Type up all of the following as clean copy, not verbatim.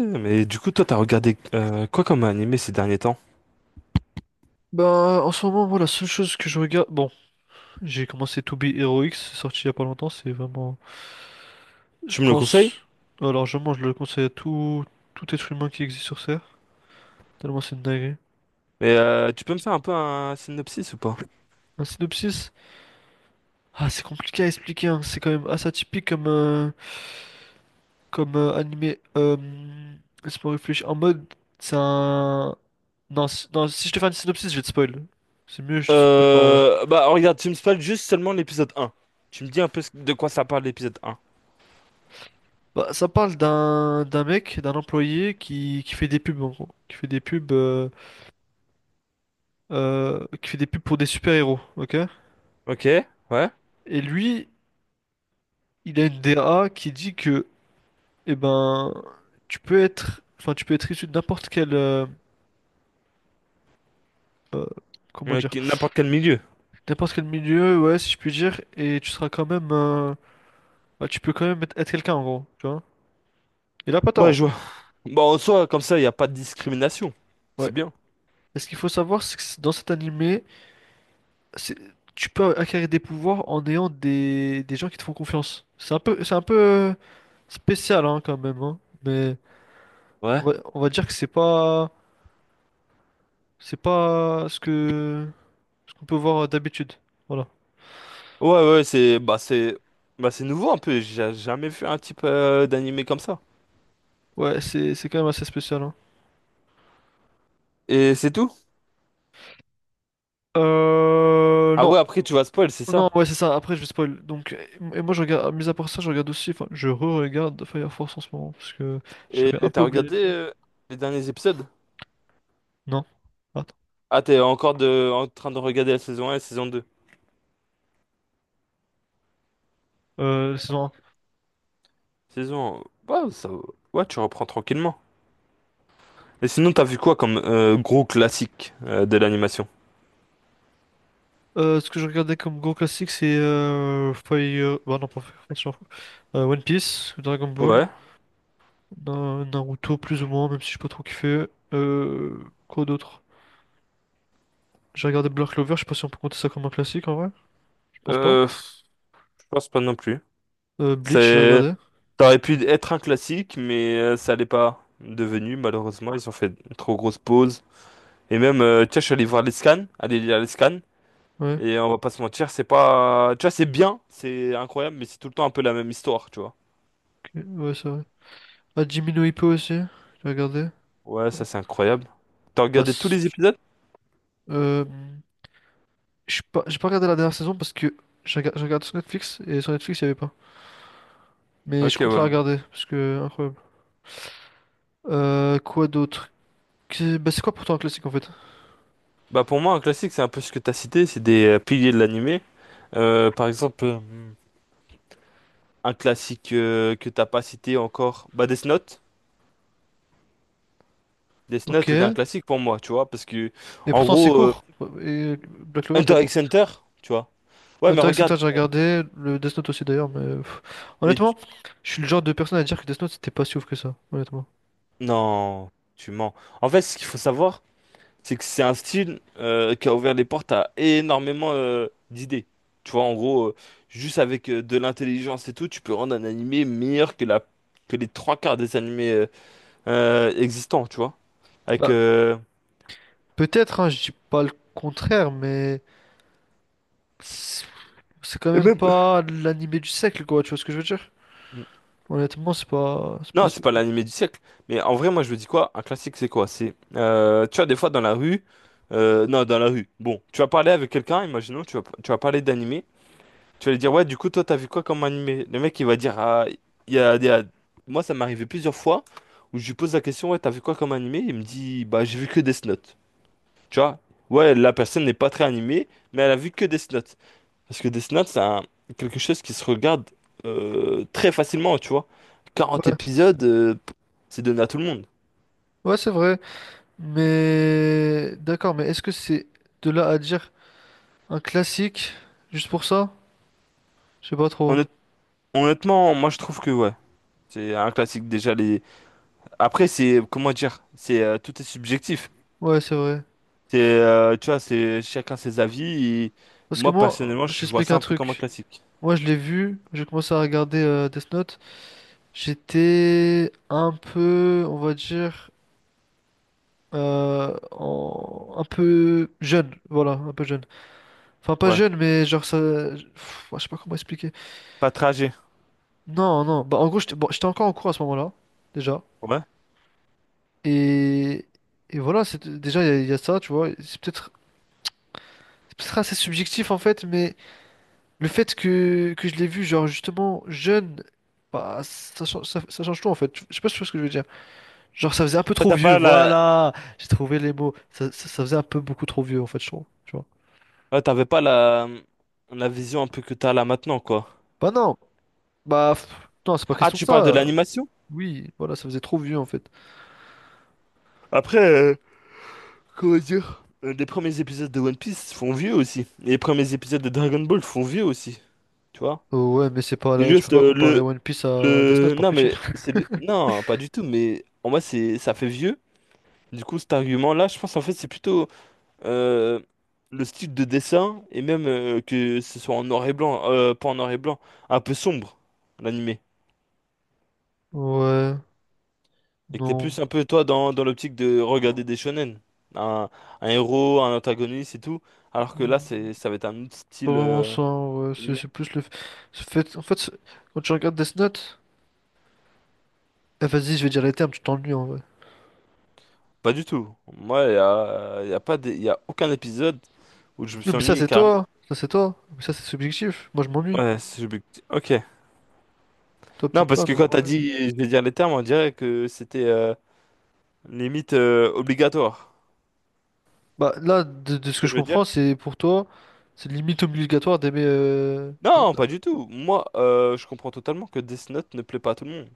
Mais du coup, toi, t'as regardé quoi comme animé ces derniers temps? Bah, en ce moment, moi, la seule chose que je regarde, bon, j'ai commencé To Be Heroic, c'est sorti il y a pas longtemps, c'est vraiment, je Tu me le pense, conseilles? alors je le conseille à tout être humain qui existe sur Terre, tellement c'est une dinguerie. Mais tu peux me faire un peu un synopsis ou pas? Un synopsis? Ah, c'est compliqué à expliquer, hein. C'est quand même assez atypique comme animé, laisse-moi réfléchir, en mode, c'est un, non, non, si je te fais un synopsis, je vais te spoil. C'est mieux, je te spoil pas en vrai. Bah regarde, tu me spoil juste seulement l'épisode un. Tu me dis un peu de quoi ça parle l'épisode un. Bah, ça parle d'un mec, d'un employé qui fait des pubs en gros. Qui fait des pubs pour des super-héros, ok? Ok, ouais. Et lui, il a une DA qui dit que, eh ben, enfin, tu peux être issu de euh, comment dire, N'importe quel milieu. n'importe quel milieu, ouais, si je puis dire, et tu seras quand même, bah, tu peux quand même être quelqu'un en gros, tu vois? Il a pas tort Ouais, en je vois. soi. Bon, en soi, comme ça, il n'y a pas de discrimination. C'est Ouais. bien. Et ce qu'il faut savoir, c'est que dans cet animé, c'est, tu peux acquérir des pouvoirs en ayant des gens qui te font confiance. C'est un peu spécial, hein, quand même, hein, mais on Ouais. va, on va dire que c'est pas C'est pas ce que ce qu'on peut voir d'habitude. Voilà. Ouais, ouais, c'est nouveau un peu. J'ai jamais vu un type d'animé comme ça. Ouais, c'est quand même assez spécial, hein. Et c'est tout? Euh, Ah non. ouais, après tu vas spoil, c'est Non, ça. ouais, c'est ça. Après, je vais spoil. Donc, et moi, je regarde, mis à part ça, je regarde aussi, enfin, je re-regarde Fire Force en ce moment, parce que Et j'avais un peu t'as oublié regardé de le. Les derniers épisodes? Non. Attends. Ah, t'es encore en train de regarder la saison un et la saison deux. Saison 1. Saison... ouais, ça... ouais, tu reprends tranquillement. Et sinon, t'as vu quoi comme gros classique de l'animation? Ce que je regardais comme gros classique, c'est Fire... Bah non, pas Fire Force, je m'en fous. One Piece, Dragon Ball, Ouais, Naruto, plus ou moins, même si je pas trop kiffé. Quoi d'autre? J'ai regardé Black Clover, je sais pas si on peut compter ça comme un classique en vrai. Je pense pas. Je pense pas non plus. Bleach, j'ai C'est... regardé. ça aurait pu être un classique, mais ça l'est pas devenu, malheureusement. Ils ont fait une trop grosse pause. Et même, tu vois, je suis allé voir les scans, aller lire les scans. Ouais, Et on va pas se mentir, c'est pas... tu vois, c'est bien, c'est incroyable, mais c'est tout le temps un peu la même histoire, tu vois. ok, ouais, c'est vrai. Ah, Jimmy no Hippo aussi, j'ai regardé. Ouais, ça c'est incroyable. T'as Bah, regardé tous les épisodes? euh, je suis pas, j'ai pas regardé la dernière saison parce que je regarde sur Netflix et sur Netflix il y avait pas. Mais Ok, je compte la ouais. regarder parce que incroyable. Quoi d'autre? Bah, c'est quoi pourtant un classique en fait? Bah pour moi, un classique, c'est un peu ce que tu as cité, c'est des piliers de l'animé. Par exemple, un classique que t'as pas cité encore, bah Death Note. Death Ok. Note est un Et classique pour moi, tu vois, parce que, en pourtant c'est gros, court. Et Black Clover, t'as Hunter dit. x Hunter, tu vois. Ouais, mais Hunter x regarde, Hunter, j'ai regardé, le Death Note aussi d'ailleurs, mais pff, mais tu- honnêtement, je suis le genre de personne à dire que Death Note c'était pas si ouf que ça, honnêtement. non, tu mens. En fait, ce qu'il faut savoir, c'est que c'est un style qui a ouvert les portes à énormément d'idées. Tu vois, en gros, juste avec de l'intelligence et tout, tu peux rendre un animé meilleur que la... que les trois quarts des animés existants, tu vois. Avec Bah, peut-être, hein, je dis pas le contraire, mais c'est c'est quand et même même pas l'animé du siècle, quoi, tu vois ce que je veux dire? mm, Honnêtement, c'est pas non, si c'est pas ouf. l'animé du siècle, mais en vrai moi je me dis quoi? Un classique c'est quoi? C'est tu vois des fois dans la rue non, dans la rue. Bon, tu vas parler avec quelqu'un, imaginons tu vas parler d'animé, tu vas lui dire ouais, du coup toi t'as vu quoi comme animé? Le mec il va dire ah il y a, il y a- moi ça m'est arrivé plusieurs fois où je lui pose la question ouais, t'as vu quoi comme animé? Il me dit bah j'ai vu que Death Note. Tu vois? Ouais, la personne n'est pas très animée, mais elle a vu que Death Note. Parce que Death Note, c'est un- quelque chose qui se regarde très facilement, tu vois. Quarante Ouais, épisodes, c'est donné à tout le monde. ouais, c'est vrai, mais d'accord, mais est-ce que c'est de là à dire un classique juste pour ça? Je sais pas trop. Honnêt- Honnêtement, moi je trouve que ouais, c'est un classique déjà les. Après c'est comment dire, c'est tout est subjectif. Ouais, c'est vrai. C'est tu vois, c'est chacun ses avis. Et Parce que moi moi, personnellement, je je vois t'explique ça un un peu comme un truc. classique. Moi, je l'ai vu, j'ai commencé à regarder Death Note. J'étais un peu, on va dire, un peu jeune, voilà, un peu jeune. Enfin, pas Ouais, jeune, mais genre ça, pff, ouais, je sais pas comment expliquer. pas tragique. Non, non, bah en gros, j'étais bon, j'étais encore en cours à ce moment-là, déjà. Ouais. Et, et voilà, c'est déjà, il y a ça, tu vois. C'est peut-être assez subjectif, en fait, mais le fait que je l'ai vu, genre, justement, jeune, bah, ça change tout, en fait. Je sais pas si tu vois ce que je veux dire. Genre, ça faisait un peu Ouais, trop vieux, voilà. J'ai trouvé les mots. Ça faisait un peu beaucoup trop vieux, en fait, je trouve. Tu vois. T'avais pas la vision un peu que t'as là maintenant quoi. Bah non, bah pff, non, c'est pas Ah, question de tu parles de ça. l'animation? Oui, voilà, ça faisait trop vieux, en fait. Après, comment dire? Les premiers épisodes de One Piece font vieux aussi. Et les premiers épisodes de Dragon Ball font vieux aussi. Tu vois? Oh, ouais, mais c'est pas C'est là, tu peux Juste pas comparer le, One Piece à Death Note, le. par Non, pitié. mais non, pas du tout. Mais en moi, c'est ça fait vieux. Du coup, cet argument-là, je pense en fait, c'est plutôt euh, le style de dessin. Et même que ce soit en noir et blanc. Pas en noir et blanc. Un peu sombre, l'animé. Ouais, Et que t'es non. plus un peu, toi, dans l'optique de regarder des shonen. Un, un héros, un antagoniste et tout. Alors que là, Hmm, ça va être un autre Pas style. vraiment ça, ouais. C'est Animé. c'est plus le c'est fait. En fait, quand tu regardes Death Note, eh, vas-y, je vais dire les termes, tu t'ennuies, en vrai. Pas du tout. Moi, y a pas des- y a aucun épisode où je me Oui, suis mais ça, ennuyé c'est carrément. toi, ça, c'est toi. Mais ça, c'est subjectif. Moi, je m'ennuie. Ouais, ok. Toi, Non, peut-être parce pas, que mais moi, quand je t'as m'ennuie. dit, je vais dire les termes, on dirait que c'était limite obligatoire. Bah là, de, C'est de ce ce que que je je veux dire? comprends, c'est pour toi, c'est limite obligatoire d'aimer Death Non, pas Note. du tout. Moi, je comprends totalement que Death Note ne plaît pas à tout le monde,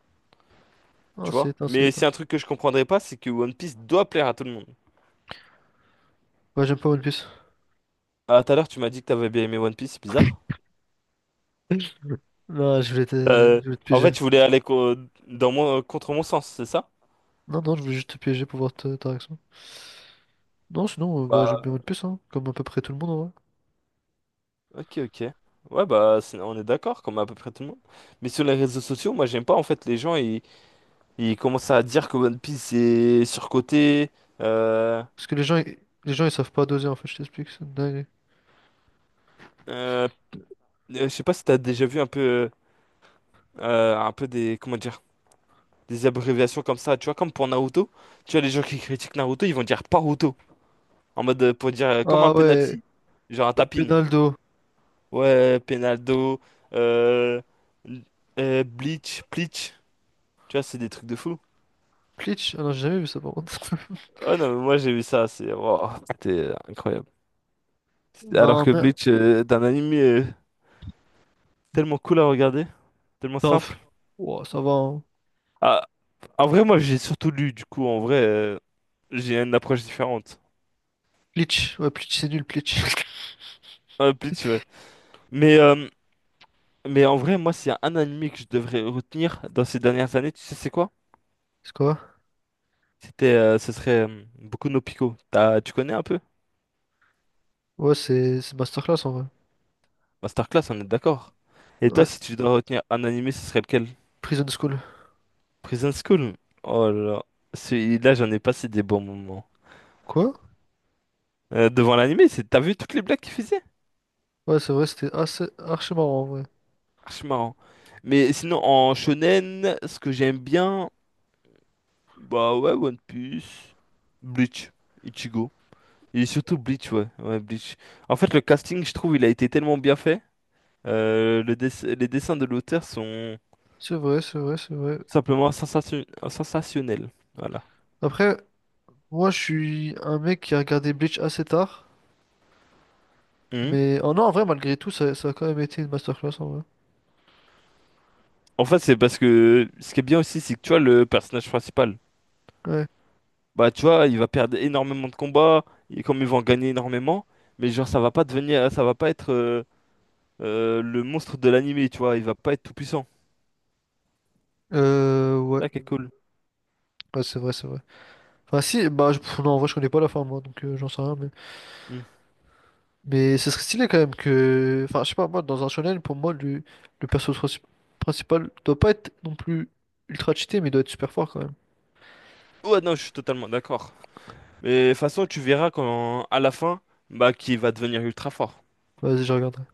Non, tu c'est vois. éteint, c'est Mais éteint. c'est un truc que je comprendrais pas, c'est que One Piece doit plaire à tout le monde. Ouais, j'aime pas One Piece. Ah, tout à l'heure, tu m'as dit que t'avais bien aimé One Piece, c'est bizarre. Non, Euh, je voulais te en fait, piéger. tu voulais aller co- dans mon- contre mon sens, c'est ça? Non, non, je voulais juste te piéger pour voir ta réaction. Non, sinon, bah, j'aime bien Bah, One Piece, hein, comme à peu près tout le monde, en vrai. ok, ok. Ouais, bah, on est d'accord, comme à peu près tout le monde. Mais sur les réseaux sociaux, moi, j'aime pas, en fait, les gens, ils commencent à dire que One Piece est surcoté. Euh, Parce que les gens, ils savent pas doser, en fait, je t'explique, c'est une dinguerie. euh, je sais pas si t'as déjà vu un peu comment dire, des abréviations comme ça, tu vois, comme pour Naruto. Tu vois, les gens qui critiquent Naruto, ils vont dire Paruto, en mode, pour dire, comme un Ah ouais, penalty, genre un tapin. Penaldo. Ouais, Penaldo, euh, Bleach, tu vois, c'est des trucs de fou. Bleach? Ah non, j'ai jamais vu ça, par contre. Oh non, mais moi j'ai vu ça, c'est wow, c'était incroyable. Alors Non, que mais... Bleach est anime tellement cool à regarder, tellement Non, pff, simple. ouah, ça va, hein. Ah, en vrai, moi j'ai surtout lu, du coup, en vrai, j'ai une approche différente. Bleach, ouais, Bleach, c'est nul, Bleach. Bleach, ouais. Mais, euh, mais en vrai, moi, s'il y a un anime que je devrais retenir dans ces dernières années, tu sais, c'est quoi? C'est quoi? Ce serait Boku no Pico. Tu connais un peu? Ouais, c'est masterclass, en vrai. Masterclass, on est d'accord. Et toi, Ouais, si tu dois retenir un anime, ce serait lequel? Prison School. Prison School. Oh là là. Celui-là, j'en ai passé des bons moments. Quoi? Devant l'animé, c'est t'as vu toutes les blagues qu'il faisait? Ouais, c'est vrai, c'était assez archi marrant en vrai. Archi marrant. Mais sinon, en shonen, ce que j'aime bien, bah ouais, One Piece, Bleach, Ichigo. Et surtout Bleach, ouais, ouais, Bleach. En fait, le casting, je trouve, il a été tellement bien fait. Les dessins de l'auteur sont C'est vrai, c'est vrai, c'est vrai. simplement sensationnels. Voilà. Après, moi, je suis un mec qui a regardé Bleach assez tard. Mhm. Mais oh non, en vrai, malgré tout, ça a quand même été une masterclass en vrai. En fait, c'est parce que ce qui est bien aussi, c'est que tu vois, le personnage principal. Ouais. Bah, tu vois, il va perdre énormément de combats, et comme il va en gagner énormément, mais genre, ça va pas être le monstre de l'animé, tu vois, il va pas être tout puissant. Ouais. Ah, quel cool. Ouais, c'est vrai, c'est vrai. Enfin, si, bah, pff, non, en vrai, je connais pas la fin, moi, donc j'en sais rien, mais. Hmm. Mais ce serait stylé quand même que. Enfin, je sais pas, moi, dans un shonen, pour moi, le perso principal doit pas être non plus ultra cheaté, mais doit être super fort quand même. Ouais, non, je suis totalement d'accord. Mais de toute façon, tu verras quand, à la fin, bah, qu'il va devenir ultra fort. Vas-y, je regarde.